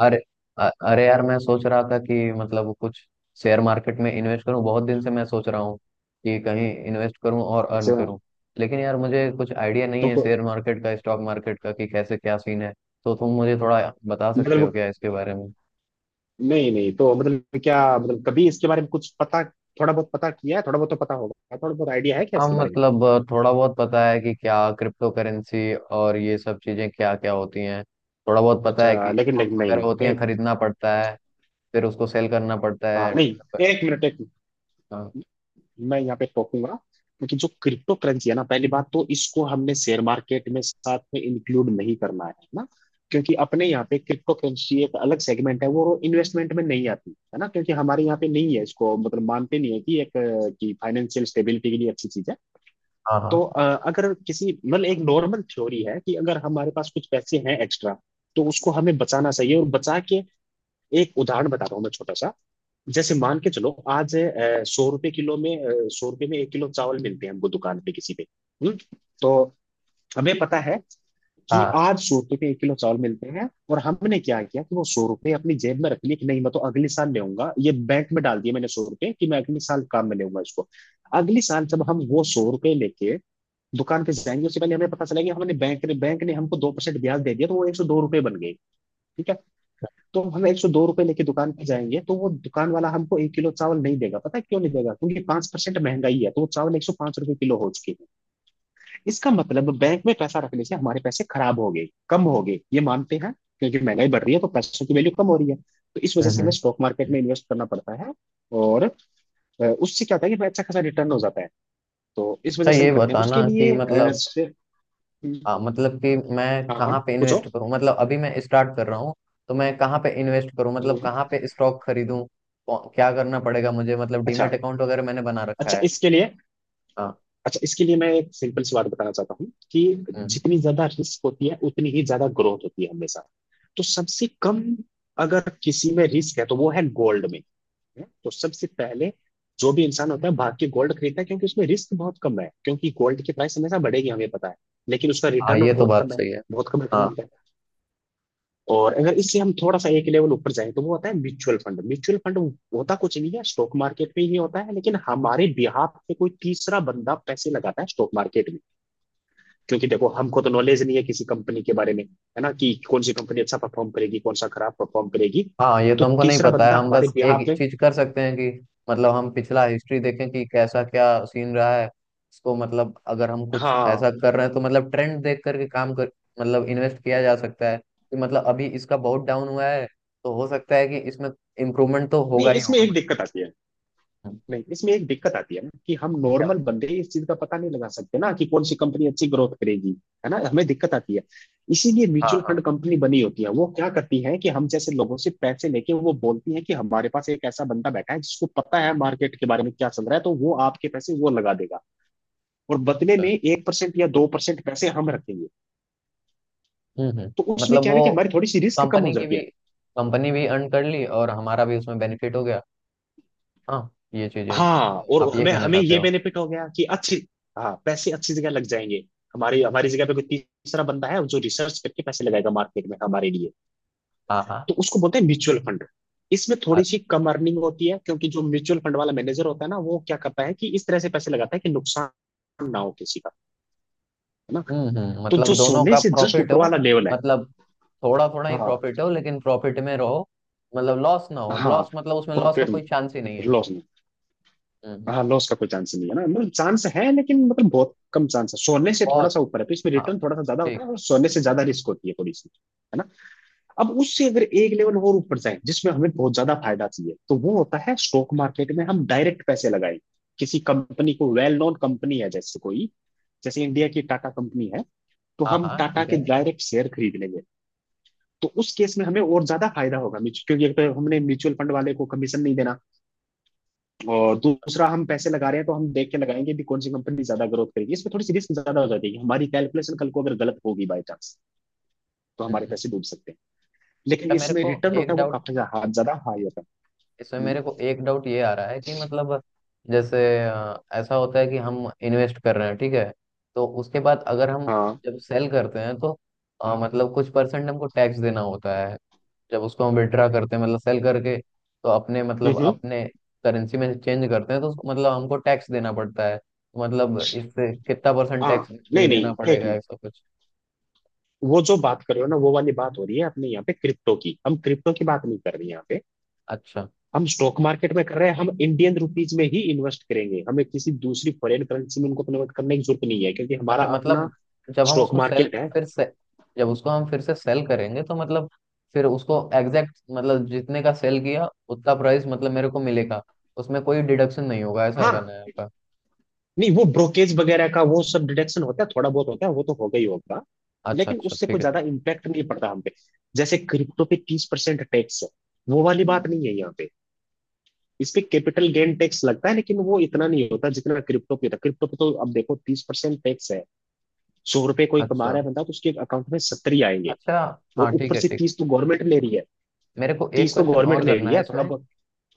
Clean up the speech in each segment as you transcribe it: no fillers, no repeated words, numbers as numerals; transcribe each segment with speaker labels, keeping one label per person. Speaker 1: अरे। अरे यार, मैं सोच रहा था कि मतलब कुछ शेयर मार्केट में इन्वेस्ट करूं। बहुत दिन से मैं सोच रहा हूं कि कहीं इन्वेस्ट करूं और अर्न
Speaker 2: अच्छा।
Speaker 1: करूं। लेकिन यार मुझे कुछ आइडिया नहीं
Speaker 2: तो
Speaker 1: है
Speaker 2: को-
Speaker 1: शेयर मार्केट का, स्टॉक मार्केट का, कि कैसे क्या सीन है। तो तुम मुझे थोड़ा बता सकते हो
Speaker 2: मतलब
Speaker 1: क्या इसके बारे में।
Speaker 2: नहीं नहीं, तो मतलब क्या मतलब कभी इसके बारे में कुछ पता, थोड़ा बहुत पता किया है, थोड़ा बहुत तो पता होगा, थोड़ा बहुत आइडिया है क्या
Speaker 1: हाँ
Speaker 2: इसके बारे में?
Speaker 1: मतलब थोड़ा बहुत पता है कि क्या क्रिप्टो करेंसी और ये सब चीजें क्या क्या होती हैं। थोड़ा बहुत पता है
Speaker 2: अच्छा,
Speaker 1: कि
Speaker 2: लेकिन
Speaker 1: स्टॉक्स
Speaker 2: लेकिन नहीं
Speaker 1: वगैरह होती
Speaker 2: नहीं,
Speaker 1: हैं,
Speaker 2: एक
Speaker 1: खरीदना पड़ता है, फिर उसको सेल करना पड़ता
Speaker 2: हाँ
Speaker 1: है
Speaker 2: नहीं,
Speaker 1: मतलब।
Speaker 2: एक मिनट एक मिनट,
Speaker 1: अ,
Speaker 2: मैं यहाँ पे टोकूंगा। क्योंकि जो क्रिप्टो करेंसी है ना, पहली बात तो इसको हमने शेयर मार्केट में साथ में इंक्लूड नहीं करना है ना। क्योंकि अपने यहाँ पे क्रिप्टो करेंसी एक अलग सेगमेंट है, वो इन्वेस्टमेंट में नहीं आती है ना, क्योंकि हमारे यहाँ पे नहीं है इसको, मतलब मानते नहीं है कि एक कि फाइनेंशियल स्टेबिलिटी के लिए अच्छी चीज है।
Speaker 1: हाँ हाँ
Speaker 2: तो अगर किसी मतलब एक नॉर्मल थ्योरी है कि अगर हमारे पास कुछ पैसे हैं एक्स्ट्रा, तो उसको हमें बचाना चाहिए, और बचा के एक उदाहरण बता रहा हूँ मैं छोटा सा। जैसे मान के चलो, आज सौ रुपए किलो में, सौ रुपए में एक किलो चावल मिलते हैं हमको दुकान पे किसी पे। हुँ? तो हमें पता है कि
Speaker 1: हाँ।
Speaker 2: आज सौ रुपए के एक किलो चावल मिलते हैं, और हमने क्या किया कि वो सौ रुपए अपनी जेब में रख लिए कि नहीं मैं तो अगले साल लेऊंगा, ये बैंक में डाल दिए मैंने सौ रुपए कि मैं अगले साल काम में लेऊंगा इसको। अगले साल जब हम वो सौ रुपए लेके दुकान पे जाएंगे, उससे पहले हमें पता चला कि हमने बैंक ने हमको 2% ब्याज दे दिया, तो वो 102 रुपये बन गए। ठीक है? तो हम 102 रुपये लेके दुकान पे जाएंगे, तो वो दुकान वाला हमको एक किलो चावल नहीं देगा। पता है क्यों नहीं देगा? क्योंकि 5% महंगाई है, तो वो चावल 105 रुपये किलो हो चुके। इसका मतलब बैंक में पैसा रखने से हमारे पैसे खराब हो गए, कम हो गए, ये मानते हैं। क्योंकि महंगाई बढ़ रही है तो पैसों की वैल्यू कम हो रही है। तो इस वजह
Speaker 1: हम्म
Speaker 2: से हमें
Speaker 1: हम्म।
Speaker 2: स्टॉक मार्केट में इन्वेस्ट करना पड़ता है। और उससे क्या होता है कि हमें अच्छा खासा रिटर्न हो जाता है। तो इस
Speaker 1: तो
Speaker 2: वजह से हम
Speaker 1: ये
Speaker 2: करते हैं, उसके
Speaker 1: बताना कि
Speaker 2: लिए
Speaker 1: मतलब मतलब कि मैं
Speaker 2: हाँ हाँ
Speaker 1: कहाँ पे
Speaker 2: पूछो।
Speaker 1: इन्वेस्ट करूँ, मतलब अभी मैं स्टार्ट कर रहा हूँ। तो मैं कहाँ पे इन्वेस्ट करूँ, मतलब
Speaker 2: हम्म,
Speaker 1: कहाँ पे स्टॉक खरीदूँ। क्या करना पड़ेगा मुझे, मतलब
Speaker 2: अच्छा
Speaker 1: डीमेट अकाउंट वगैरह मैंने बना रखा
Speaker 2: अच्छा
Speaker 1: है।
Speaker 2: इसके लिए,
Speaker 1: हाँ।
Speaker 2: अच्छा इसके लिए मैं एक सिंपल सी बात बताना चाहता हूँ कि
Speaker 1: हम्म।
Speaker 2: जितनी ज्यादा रिस्क होती है उतनी ही ज्यादा ग्रोथ होती है हमेशा। तो सबसे कम अगर किसी में रिस्क है तो वो है गोल्ड में। है? तो सबसे पहले जो भी इंसान होता है, भाग के गोल्ड खरीदता है, क्योंकि उसमें रिस्क बहुत कम है, क्योंकि गोल्ड की प्राइस हमेशा बढ़ेगी हमें पता है। लेकिन उसका
Speaker 1: हाँ
Speaker 2: रिटर्न
Speaker 1: ये तो
Speaker 2: बहुत
Speaker 1: बात
Speaker 2: कम है,
Speaker 1: सही है।
Speaker 2: बहुत कम रिटर्न
Speaker 1: हाँ।
Speaker 2: मिलता है। और अगर इससे हम थोड़ा सा एक लेवल ऊपर जाएं तो वो होता है म्यूचुअल फंड। म्यूचुअल फंड होता कुछ नहीं है, स्टॉक मार्केट में ही होता है, लेकिन हमारे बिहाफ पे कोई तीसरा बंदा पैसे लगाता है स्टॉक मार्केट में। क्योंकि देखो, हमको तो नॉलेज नहीं है किसी कंपनी के बारे में है ना, कि कौन सी कंपनी अच्छा परफॉर्म करेगी, कौन सा खराब परफॉर्म करेगी।
Speaker 1: हाँ ये तो
Speaker 2: तो
Speaker 1: हमको नहीं
Speaker 2: तीसरा
Speaker 1: पता है,
Speaker 2: बंदा
Speaker 1: हम
Speaker 2: हमारे
Speaker 1: बस एक
Speaker 2: बिहाफ में,
Speaker 1: चीज कर सकते हैं कि मतलब हम पिछला हिस्ट्री देखें कि कैसा क्या सीन रहा है। इसको मतलब अगर हम कुछ ऐसा
Speaker 2: हाँ,
Speaker 1: कर रहे हैं तो मतलब ट्रेंड देख करके काम कर, मतलब इन्वेस्ट किया जा सकता है कि मतलब अभी इसका बहुत डाउन हुआ है तो हो सकता है कि इसमें इम्प्रूवमेंट तो
Speaker 2: नहीं
Speaker 1: होगा ही
Speaker 2: इसमें
Speaker 1: होगा
Speaker 2: एक
Speaker 1: मतलब।
Speaker 2: दिक्कत आती है, नहीं इसमें एक दिक्कत आती है ना कि हम
Speaker 1: क्या-
Speaker 2: नॉर्मल बंदे इस चीज का पता नहीं लगा सकते ना कि कौन सी कंपनी अच्छी ग्रोथ करेगी। है ना, हमें दिक्कत आती है। इसीलिए
Speaker 1: हाँ
Speaker 2: म्यूचुअल
Speaker 1: हाँ।
Speaker 2: फंड कंपनी बनी होती है। वो क्या करती है कि हम जैसे लोगों से पैसे लेके वो बोलती है कि हमारे पास एक ऐसा बंदा बैठा है जिसको पता है मार्केट के बारे में क्या चल रहा है, तो वो आपके पैसे वो लगा देगा। और बदले में
Speaker 1: अच्छा।
Speaker 2: 1% या 2% पैसे हम रखेंगे। तो उसमें
Speaker 1: मतलब
Speaker 2: क्या है
Speaker 1: वो
Speaker 2: ना कि हमारी थोड़ी सी रिस्क कम हो
Speaker 1: कंपनी की
Speaker 2: जाती
Speaker 1: भी,
Speaker 2: है।
Speaker 1: कंपनी भी अर्न कर ली और हमारा भी उसमें बेनिफिट हो गया। हाँ, ये चीजें
Speaker 2: हाँ और
Speaker 1: आप ये
Speaker 2: हमें
Speaker 1: कहना
Speaker 2: हमें
Speaker 1: चाहते
Speaker 2: ये
Speaker 1: हो।
Speaker 2: बेनिफिट हो गया कि अच्छी, हाँ पैसे अच्छी जगह लग जाएंगे। हमारी हमारी जगह पे कोई तीसरा बंदा है जो रिसर्च करके पैसे लगाएगा मार्केट में हमारे लिए।
Speaker 1: हाँ हाँ।
Speaker 2: तो उसको बोलते हैं म्यूचुअल फंड। इसमें थोड़ी सी कम अर्निंग होती है, क्योंकि जो म्यूचुअल फंड वाला मैनेजर होता है ना, वो क्या करता है कि इस तरह से पैसे लगाता है कि नुकसान ना हो किसी का, है ना। तो जो
Speaker 1: मतलब दोनों
Speaker 2: सोने
Speaker 1: का
Speaker 2: से जस्ट
Speaker 1: प्रॉफिट
Speaker 2: ऊपर
Speaker 1: हो।
Speaker 2: वाला लेवल है,
Speaker 1: मतलब थोड़ा थोड़ा ही
Speaker 2: हाँ
Speaker 1: प्रॉफिट हो लेकिन प्रॉफिट में रहो। मतलब लॉस ना हो,
Speaker 2: हाँ,
Speaker 1: लॉस मतलब उसमें लॉस का
Speaker 2: प्रॉफिट
Speaker 1: कोई चांस ही नहीं है।
Speaker 2: लॉस,
Speaker 1: हम्म।
Speaker 2: हाँ लॉस का कोई चांस नहीं है ना, मतलब चांस है लेकिन मतलब बहुत कम चांस है, सोने से थोड़ा
Speaker 1: बहुत।
Speaker 2: सा ऊपर है तो इसमें
Speaker 1: हाँ
Speaker 2: रिटर्न थोड़ा सा ज्यादा होता
Speaker 1: ठीक।
Speaker 2: है और सोने से ज्यादा रिस्क होती है थोड़ी सी, है ना। अब उससे अगर एक लेवल और ऊपर जाए जिसमें हमें बहुत ज्यादा फायदा चाहिए, तो वो होता है स्टॉक मार्केट में हम डायरेक्ट पैसे लगाएं किसी कंपनी को, वेल नोन कंपनी है जैसे कोई, जैसे इंडिया की टाटा कंपनी है। तो
Speaker 1: हाँ
Speaker 2: हम
Speaker 1: हाँ
Speaker 2: टाटा
Speaker 1: ठीक
Speaker 2: के
Speaker 1: है।
Speaker 2: डायरेक्ट शेयर खरीद लेंगे। तो उस केस में हमें और ज्यादा फायदा होगा, क्योंकि एक तो हमने म्यूचुअल फंड वाले को कमीशन नहीं देना, और दूसरा हम पैसे लगा रहे हैं तो हम देख के लगाएंगे भी कौन सी कंपनी ज्यादा ग्रोथ करेगी। इसमें थोड़ी सी रिस्क ज्यादा हो जाती है, हमारी कैलकुलेशन कल को अगर गलत होगी बाई चांस, तो
Speaker 1: हम्म
Speaker 2: हमारे
Speaker 1: हम्म।
Speaker 2: पैसे डूब सकते हैं। लेकिन
Speaker 1: अच्छा मेरे
Speaker 2: इसमें
Speaker 1: को
Speaker 2: रिटर्न होता
Speaker 1: एक
Speaker 2: है वो
Speaker 1: डाउट,
Speaker 2: काफी ज्यादा, हाँ, ज्यादा हाई होता
Speaker 1: इसमें
Speaker 2: है। हम्म,
Speaker 1: मेरे को एक डाउट ये आ रहा है कि मतलब जैसे ऐसा होता है कि हम इन्वेस्ट कर रहे हैं ठीक है। तो उसके बाद अगर हम
Speaker 2: हाँ,
Speaker 1: जब सेल करते हैं तो मतलब कुछ परसेंट हमको टैक्स देना होता है। जब उसको हम विड्रा करते हैं, मतलब सेल करके तो अपने, मतलब
Speaker 2: हम्म,
Speaker 1: अपने करेंसी में चेंज करते हैं तो उसको मतलब हमको टैक्स देना पड़ता है, तो मतलब इससे कितना परसेंट
Speaker 2: हाँ,
Speaker 1: टैक्स मुझे
Speaker 2: नहीं
Speaker 1: देना
Speaker 2: नहीं एक
Speaker 1: पड़ेगा
Speaker 2: मिनट,
Speaker 1: ऐसा कुछ।
Speaker 2: वो जो बात कर रहे हो ना वो वाली बात हो रही है अपने यहाँ पे क्रिप्टो की, हम क्रिप्टो की बात नहीं कर रहे हैं यहाँ पे,
Speaker 1: अच्छा।
Speaker 2: हम स्टॉक मार्केट में कर रहे हैं। हम इंडियन रुपीज में ही इन्वेस्ट करेंगे, हमें किसी दूसरी फॉरेन करेंसी में उनको कन्वर्ट करने की जरूरत नहीं है क्योंकि हमारा
Speaker 1: अच्छा
Speaker 2: अपना
Speaker 1: मतलब जब हम
Speaker 2: स्टॉक
Speaker 1: उसको सेल,
Speaker 2: मार्केट है।
Speaker 1: फिर से जब उसको हम फिर से सेल करेंगे तो मतलब फिर उसको एग्जैक्ट मतलब जितने का सेल किया उतना प्राइस मतलब मेरे को मिलेगा, उसमें कोई डिडक्शन नहीं होगा, ऐसा करना
Speaker 2: हाँ,
Speaker 1: है आपका।
Speaker 2: नहीं वो ब्रोकेज वगैरह का वो सब डिडक्शन होता है, थोड़ा बहुत होता है वो तो होगा ही होगा,
Speaker 1: अच्छा
Speaker 2: लेकिन
Speaker 1: अच्छा,
Speaker 2: उससे
Speaker 1: ठीक
Speaker 2: कोई
Speaker 1: है
Speaker 2: ज्यादा
Speaker 1: ठीक।
Speaker 2: इम्पैक्ट नहीं पड़ता हम पे। जैसे क्रिप्टो पे 30% टैक्स है, वो वाली बात
Speaker 1: हम्म।
Speaker 2: नहीं है यहाँ पे। इस पे कैपिटल गेन टैक्स लगता है, लेकिन वो इतना नहीं होता जितना क्रिप्टो पे होता है। क्रिप्टो पे तो अब देखो 30% टैक्स है, सौ रुपए कोई कमा
Speaker 1: अच्छा।
Speaker 2: रहा है बंदा तो उसके अकाउंट में सत्तर ही आएंगे,
Speaker 1: अच्छा।
Speaker 2: और
Speaker 1: हाँ ठीक
Speaker 2: ऊपर
Speaker 1: है,
Speaker 2: से
Speaker 1: ठीक।
Speaker 2: तीस तो गवर्नमेंट ले रही है,
Speaker 1: मेरे को एक
Speaker 2: तीस तो
Speaker 1: क्वेश्चन
Speaker 2: गवर्नमेंट
Speaker 1: और
Speaker 2: ले
Speaker 1: करना
Speaker 2: रही
Speaker 1: है
Speaker 2: है थोड़ा
Speaker 1: इसमें,
Speaker 2: बहुत।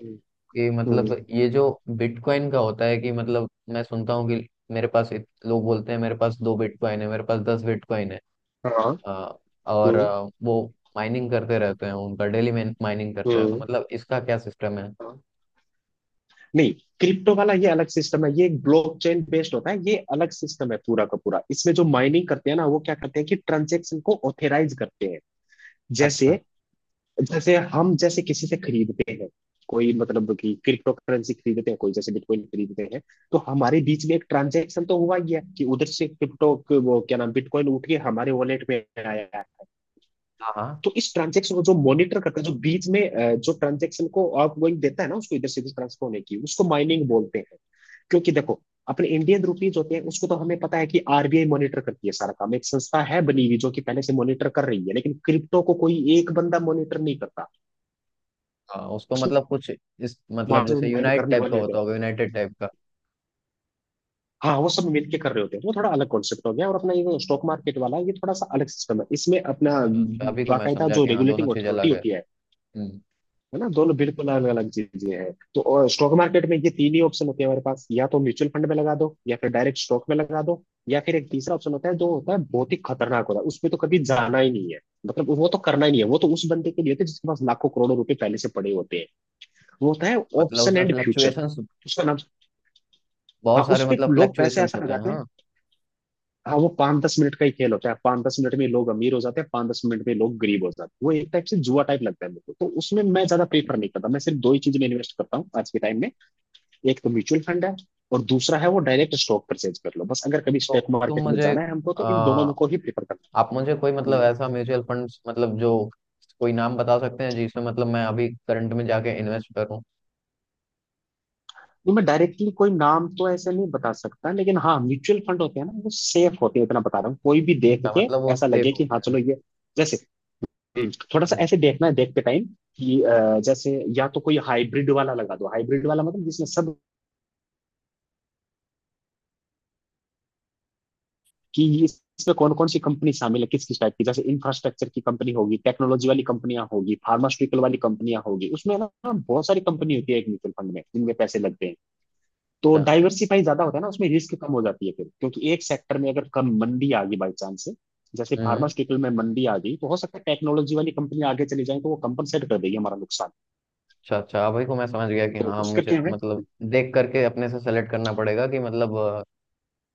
Speaker 2: हम्म,
Speaker 1: कि मतलब
Speaker 2: हम्म,
Speaker 1: ये जो बिटकॉइन का होता है कि मतलब मैं सुनता हूँ कि मेरे पास लोग बोलते हैं मेरे पास दो बिटकॉइन है, मेरे पास दस बिटकॉइन है।
Speaker 2: हाँ,
Speaker 1: अ, और
Speaker 2: हम्म,
Speaker 1: वो माइनिंग करते रहते हैं उनका डेली, माइनिंग करते हैं तो
Speaker 2: हम्म,
Speaker 1: मतलब इसका क्या सिस्टम है।
Speaker 2: नहीं, क्रिप्टो वाला ये अलग सिस्टम है, ये एक ब्लॉकचेन बेस्ड होता है, ये अलग सिस्टम है पूरा का पूरा। इसमें जो माइनिंग करते हैं ना, वो क्या करते हैं कि ट्रांजेक्शन को ऑथराइज करते हैं।
Speaker 1: अच्छा।
Speaker 2: जैसे, जैसे हम जैसे किसी से खरीदते हैं, कोई मतलब कि क्रिप्टो करेंसी खरीदते हैं, कोई जैसे बिटकॉइन खरीदते हैं, तो हमारे बीच में एक ट्रांजेक्शन तो हुआ ही है कि उधर से क्रिप्टो, वो क्या नाम, बिटकॉइन उठ के हमारे वॉलेट में आया है।
Speaker 1: हाँ हाँ
Speaker 2: तो इस ट्रांजेक्शन को जो मॉनिटर करता है, जो बीच में जो ट्रांजेक्शन को आप वही देता है ना, उसको इधर से इधर ट्रांसफर होने की, उसको माइनिंग बोलते हैं। क्योंकि देखो, अपने इंडियन रुपीज होते हैं उसको तो हमें पता है कि आरबीआई मॉनिटर करती है सारा काम, एक संस्था है बनी हुई जो कि पहले से मॉनिटर कर रही है, लेकिन क्रिप्टो को कोई एक बंदा मॉनिटर नहीं करता,
Speaker 1: हाँ। उसको मतलब कुछ इस
Speaker 2: वहां
Speaker 1: मतलब
Speaker 2: से वो
Speaker 1: जैसे
Speaker 2: माइन
Speaker 1: यूनाइट
Speaker 2: करने
Speaker 1: टाइप का
Speaker 2: वाले होते
Speaker 1: होता
Speaker 2: हैं।
Speaker 1: होगा, यूनाइटेड टाइप का।
Speaker 2: हाँ वो सब मिलके कर रहे होते हैं, वो थोड़ा अलग कॉन्सेप्ट हो गया, और अपना ये स्टॉक मार्केट वाला ये थोड़ा सा अलग सिस्टम है, इसमें अपना
Speaker 1: अच्छा अच्छा, अभी को मैं
Speaker 2: बाकायदा
Speaker 1: समझा
Speaker 2: जो
Speaker 1: कि हाँ दोनों
Speaker 2: रेगुलेटिंग
Speaker 1: चीज
Speaker 2: अथॉरिटी
Speaker 1: अलग है।
Speaker 2: होती है
Speaker 1: हम्म।
Speaker 2: है ना। दोनों बिल्कुल अलग अलग चीजें हैं। तो स्टॉक मार्केट में ये तीन ही ऑप्शन होते हैं हमारे पास, या तो म्यूचुअल फंड में लगा दो, या फिर डायरेक्ट स्टॉक में लगा दो, या फिर एक तीसरा ऑप्शन होता है जो होता है बहुत ही खतरनाक होता है, उसमें तो कभी जाना ही नहीं है, मतलब वो तो करना ही नहीं है, वो तो उस बंदे के लिए होता है जिसके पास लाखों करोड़ों रुपए पहले से पड़े होते हैं। वो होता है
Speaker 1: मतलब
Speaker 2: ऑप्शन
Speaker 1: उसमें
Speaker 2: एंड फ्यूचर,
Speaker 1: फ्लक्चुएशंस,
Speaker 2: उसका नाम। हाँ
Speaker 1: बहुत सारे
Speaker 2: उस पे
Speaker 1: मतलब
Speaker 2: लोग पैसे
Speaker 1: फ्लक्चुएशंस
Speaker 2: ऐसा
Speaker 1: होते हैं
Speaker 2: लगाते हैं,
Speaker 1: हाँ।
Speaker 2: हाँ वो पाँच दस मिनट का ही खेल होता है, पाँच दस मिनट में लोग अमीर हो जाते हैं, पाँच दस मिनट में लोग गरीब हो जाते हैं। वो एक टाइप से जुआ टाइप लगता है मेरे को, तो उसमें मैं ज्यादा प्रीफर नहीं करता। मैं सिर्फ दो ही चीज में इन्वेस्ट करता हूँ आज के टाइम में, एक तो म्यूचुअल फंड है, और दूसरा है वो डायरेक्ट स्टॉक परचेज कर लो बस। अगर कभी
Speaker 1: तो
Speaker 2: स्टॉक
Speaker 1: तुम
Speaker 2: मार्केट में
Speaker 1: मुझे
Speaker 2: जाना है हमको तो
Speaker 1: आ,
Speaker 2: इन दोनों में को ही प्रीफर करना
Speaker 1: आप मुझे कोई
Speaker 2: है।
Speaker 1: मतलब
Speaker 2: हम्म।
Speaker 1: ऐसा म्यूचुअल फंड्स मतलब जो कोई नाम बता सकते हैं जिसमें मतलब मैं अभी करंट में जाके इन्वेस्ट करूं।
Speaker 2: तो मैं डायरेक्टली कोई नाम तो ऐसे नहीं बता सकता, लेकिन हाँ म्यूचुअल फंड होते हैं ना वो सेफ होते हैं इतना बता रहा हूँ, कोई भी देख
Speaker 1: अच्छा
Speaker 2: के
Speaker 1: मतलब वो
Speaker 2: ऐसा
Speaker 1: सेफ
Speaker 2: लगे कि
Speaker 1: होते
Speaker 2: हाँ
Speaker 1: हैं।
Speaker 2: चलो ये, जैसे, थोड़ा सा
Speaker 1: हम्म।
Speaker 2: ऐसे देखना है देखते टाइम कि जैसे या तो कोई हाइब्रिड वाला लगा दो, हाइब्रिड वाला मतलब जिसमें सब कि इसमें कौन कौन सी कंपनी शामिल है, किस किस टाइप की। जैसे इंफ्रास्ट्रक्चर की कंपनी होगी, टेक्नोलॉजी वाली कंपनियां होगी, फार्मास्यूटिकल वाली कंपनियां होगी। उसमें ना बहुत सारी कंपनी होती है एक म्यूचुअल फंड में, जिनमें पैसे लगते हैं। तो
Speaker 1: अच्छा।
Speaker 2: डाइवर्सिफाई ज्यादा होता है ना उसमें, रिस्क कम हो जाती है फिर, क्योंकि एक सेक्टर में अगर कम मंदी आ गई बाई चांस से। जैसे
Speaker 1: हम्म।
Speaker 2: फार्मास्यूटिकल में मंदी आ गई, तो हो सकता है टेक्नोलॉजी वाली कंपनी आगे चली जाए, तो वो कंपनसेट कर देगी हमारा नुकसान।
Speaker 1: अच्छा अच्छा, अब वही को मैं समझ गया कि
Speaker 2: तो
Speaker 1: हाँ
Speaker 2: उस
Speaker 1: मुझे
Speaker 2: करके हमें।
Speaker 1: मतलब देख करके अपने से सेलेक्ट करना पड़ेगा कि मतलब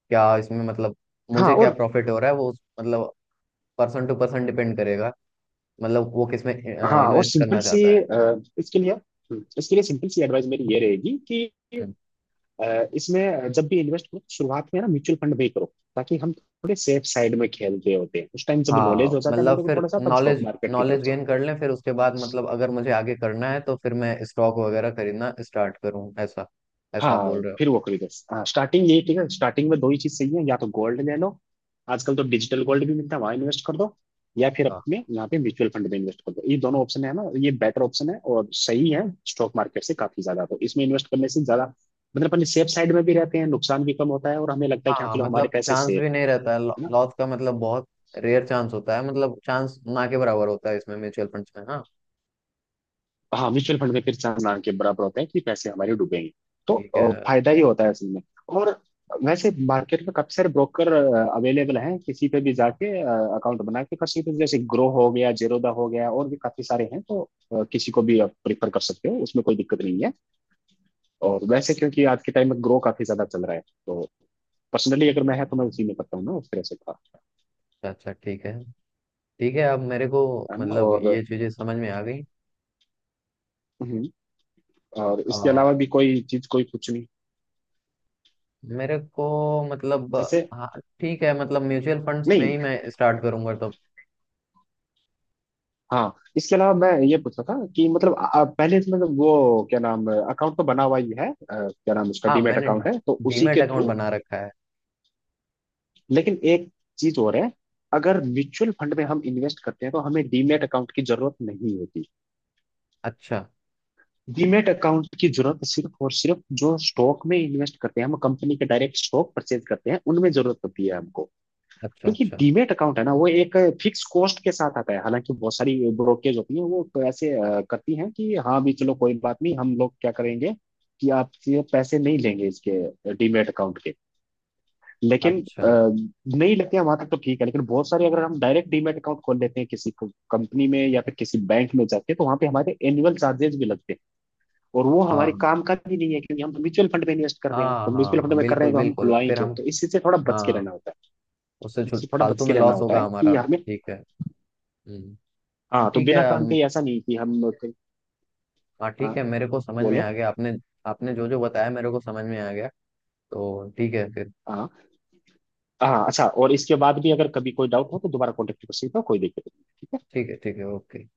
Speaker 1: क्या इसमें मतलब
Speaker 2: हाँ
Speaker 1: मुझे क्या
Speaker 2: और
Speaker 1: प्रॉफिट हो रहा है वो मतलब पर्सन टू पर्सन डिपेंड करेगा, मतलब वो किसमें
Speaker 2: हाँ,
Speaker 1: इन्वेस्ट
Speaker 2: सिंपल
Speaker 1: करना
Speaker 2: सी
Speaker 1: चाहता है।
Speaker 2: इसके लिए सिंपल सी एडवाइस मेरी ये रहेगी कि
Speaker 1: हम्म।
Speaker 2: इसमें जब भी इन्वेस्ट करो तो शुरुआत में ना म्यूचुअल फंड में ही करो, ताकि हम थोड़े सेफ साइड में खेल रहे होते हैं उस टाइम। जब
Speaker 1: हाँ
Speaker 2: नॉलेज हो जाता है
Speaker 1: मतलब
Speaker 2: बंदे को
Speaker 1: फिर
Speaker 2: थोड़ा सा, तब स्टॉक
Speaker 1: नॉलेज,
Speaker 2: मार्केट की तरफ
Speaker 1: नॉलेज
Speaker 2: जाओ।
Speaker 1: गेन कर लें फिर उसके बाद मतलब अगर मुझे आगे करना है तो फिर मैं स्टॉक वगैरह खरीदना स्टार्ट करूँ, ऐसा ऐसा आप
Speaker 2: हाँ,
Speaker 1: बोल रहे हो।
Speaker 2: फिर वो खरीदो। हाँ, स्टार्टिंग यही ठीक है। स्टार्टिंग में दो ही चीज सही है, या तो गोल्ड ले लो। आजकल तो डिजिटल गोल्ड भी मिलता है, वहां इन्वेस्ट कर दो। या फिर
Speaker 1: हाँ।
Speaker 2: अपने यहाँ पे म्यूचुअल फंड में इन्वेस्ट कर दो। ये दोनों ऑप्शन है ना, ये बेटर ऑप्शन है और सही है स्टॉक मार्केट से काफी ज्यादा। तो इसमें इन्वेस्ट करने से ज्यादा मतलब अपने सेफ साइड में भी रहते हैं, नुकसान भी कम होता है और हमें लगता है
Speaker 1: हाँ
Speaker 2: कि हाँ
Speaker 1: हाँ,
Speaker 2: चलो हमारे
Speaker 1: मतलब
Speaker 2: पैसे
Speaker 1: चांस
Speaker 2: सेफ
Speaker 1: भी नहीं रहता है
Speaker 2: है।
Speaker 1: लॉस का, मतलब बहुत रेयर चांस होता है, मतलब चांस ना के बराबर होता है इसमें म्यूचुअल फंड्स में हाँ।
Speaker 2: हाँ, म्यूचुअल फंड में फिर चांस ना के बराबर होते हैं कि पैसे हमारे डूबेंगे। तो
Speaker 1: ठीक है।
Speaker 2: फायदा ही होता है असल में। और वैसे मार्केट में काफी सारे ब्रोकर अवेलेबल हैं, किसी पे भी जाके अकाउंट बना के कर सकते हो। जैसे ग्रो हो गया, जेरोदा हो गया, और भी काफी सारे हैं। तो किसी को भी आप प्रिफर कर सकते हो, उसमें कोई दिक्कत नहीं है। और वैसे क्योंकि आज के टाइम में ग्रो काफी ज्यादा चल रहा है, तो पर्सनली अगर मैं है तो मैं उसी में करता हूँ ना, उस तरह से था।
Speaker 1: अच्छा अच्छा ठीक है, ठीक है। अब मेरे को
Speaker 2: है ना।
Speaker 1: मतलब ये चीजें समझ में आ गई।
Speaker 2: हम्म, और
Speaker 1: आ,
Speaker 2: इसके अलावा भी कोई चीज, कोई कुछ नहीं
Speaker 1: मेरे को मतलब
Speaker 2: जैसे?
Speaker 1: हाँ ठीक है मतलब म्यूचुअल फंड्स में
Speaker 2: नहीं,
Speaker 1: ही मैं स्टार्ट करूंगा तो।
Speaker 2: हाँ इसके अलावा मैं ये पूछ रहा था कि मतलब पहले इसमें तो वो क्या नाम अकाउंट तो बना हुआ ही है, क्या नाम उसका
Speaker 1: हाँ
Speaker 2: डीमैट
Speaker 1: मैंने
Speaker 2: अकाउंट है, तो उसी
Speaker 1: डीमैट
Speaker 2: के
Speaker 1: अकाउंट
Speaker 2: थ्रू।
Speaker 1: बना रखा है।
Speaker 2: लेकिन एक चीज और है। अगर म्यूचुअल फंड में हम इन्वेस्ट करते हैं तो हमें डीमैट अकाउंट की जरूरत नहीं होती।
Speaker 1: अच्छा।
Speaker 2: डीमैट अकाउंट की जरूरत सिर्फ और सिर्फ जो स्टॉक में इन्वेस्ट करते हैं, हम कंपनी के डायरेक्ट स्टॉक परचेज करते हैं, उनमें जरूरत होती है हमको।
Speaker 1: अच्छा।
Speaker 2: क्योंकि
Speaker 1: अच्छा
Speaker 2: डीमेट अकाउंट है ना, वो एक फिक्स कॉस्ट के साथ आता है। हालांकि बहुत सारी ब्रोकरेज होती है, वो तो ऐसे करती हैं कि हाँ भी चलो कोई बात नहीं, हम लोग क्या करेंगे कि आपसे पैसे नहीं लेंगे इसके डीमेट अकाउंट के। लेकिन
Speaker 1: अच्छा।
Speaker 2: नहीं लेते हैं वहां तक तो ठीक है। लेकिन बहुत सारे अगर हम डायरेक्ट डीमेट अकाउंट खोल लेते हैं किसी कंपनी में या फिर किसी बैंक में जाके, तो वहां पे हमारे एनुअल चार्जेस भी लगते हैं। और वो हमारे
Speaker 1: हाँ
Speaker 2: काम का भी नहीं है, क्योंकि हम तो म्यूचुअल फंड में इन्वेस्ट कर रहे हैं।
Speaker 1: हाँ
Speaker 2: तो
Speaker 1: हाँ
Speaker 2: म्यूचुअल फंड
Speaker 1: हाँ,
Speaker 2: में कर रहे
Speaker 1: बिल्कुल
Speaker 2: हैं तो हम
Speaker 1: बिल्कुल।
Speaker 2: खुलवाएं
Speaker 1: फिर
Speaker 2: क्यों?
Speaker 1: हम
Speaker 2: तो इसी से थोड़ा बच के
Speaker 1: हाँ
Speaker 2: रहना होता है।
Speaker 1: उससे
Speaker 2: इससे थोड़ा
Speaker 1: फालतू
Speaker 2: बच के
Speaker 1: में
Speaker 2: रहना
Speaker 1: लॉस
Speaker 2: होता
Speaker 1: होगा
Speaker 2: है कि
Speaker 1: हमारा,
Speaker 2: हमें,
Speaker 1: ठीक है। हम्म।
Speaker 2: हाँ तो
Speaker 1: ठीक है।
Speaker 2: बिना काम के ही ऐसा नहीं कि हम लोग-।
Speaker 1: हाँ
Speaker 2: हाँ
Speaker 1: ठीक है मेरे को समझ में
Speaker 2: बोलो।
Speaker 1: आ गया, आपने आपने जो जो बताया मेरे को समझ में आ गया, तो ठीक है फिर।
Speaker 2: हाँ हाँ, अच्छा। और इसके बाद भी अगर कभी कोई डाउट हो तो दोबारा कॉन्टेक्ट कर सकते हो, कोई दिक्कत नहीं, ठीक है।
Speaker 1: ठीक है। ठीक है ओके।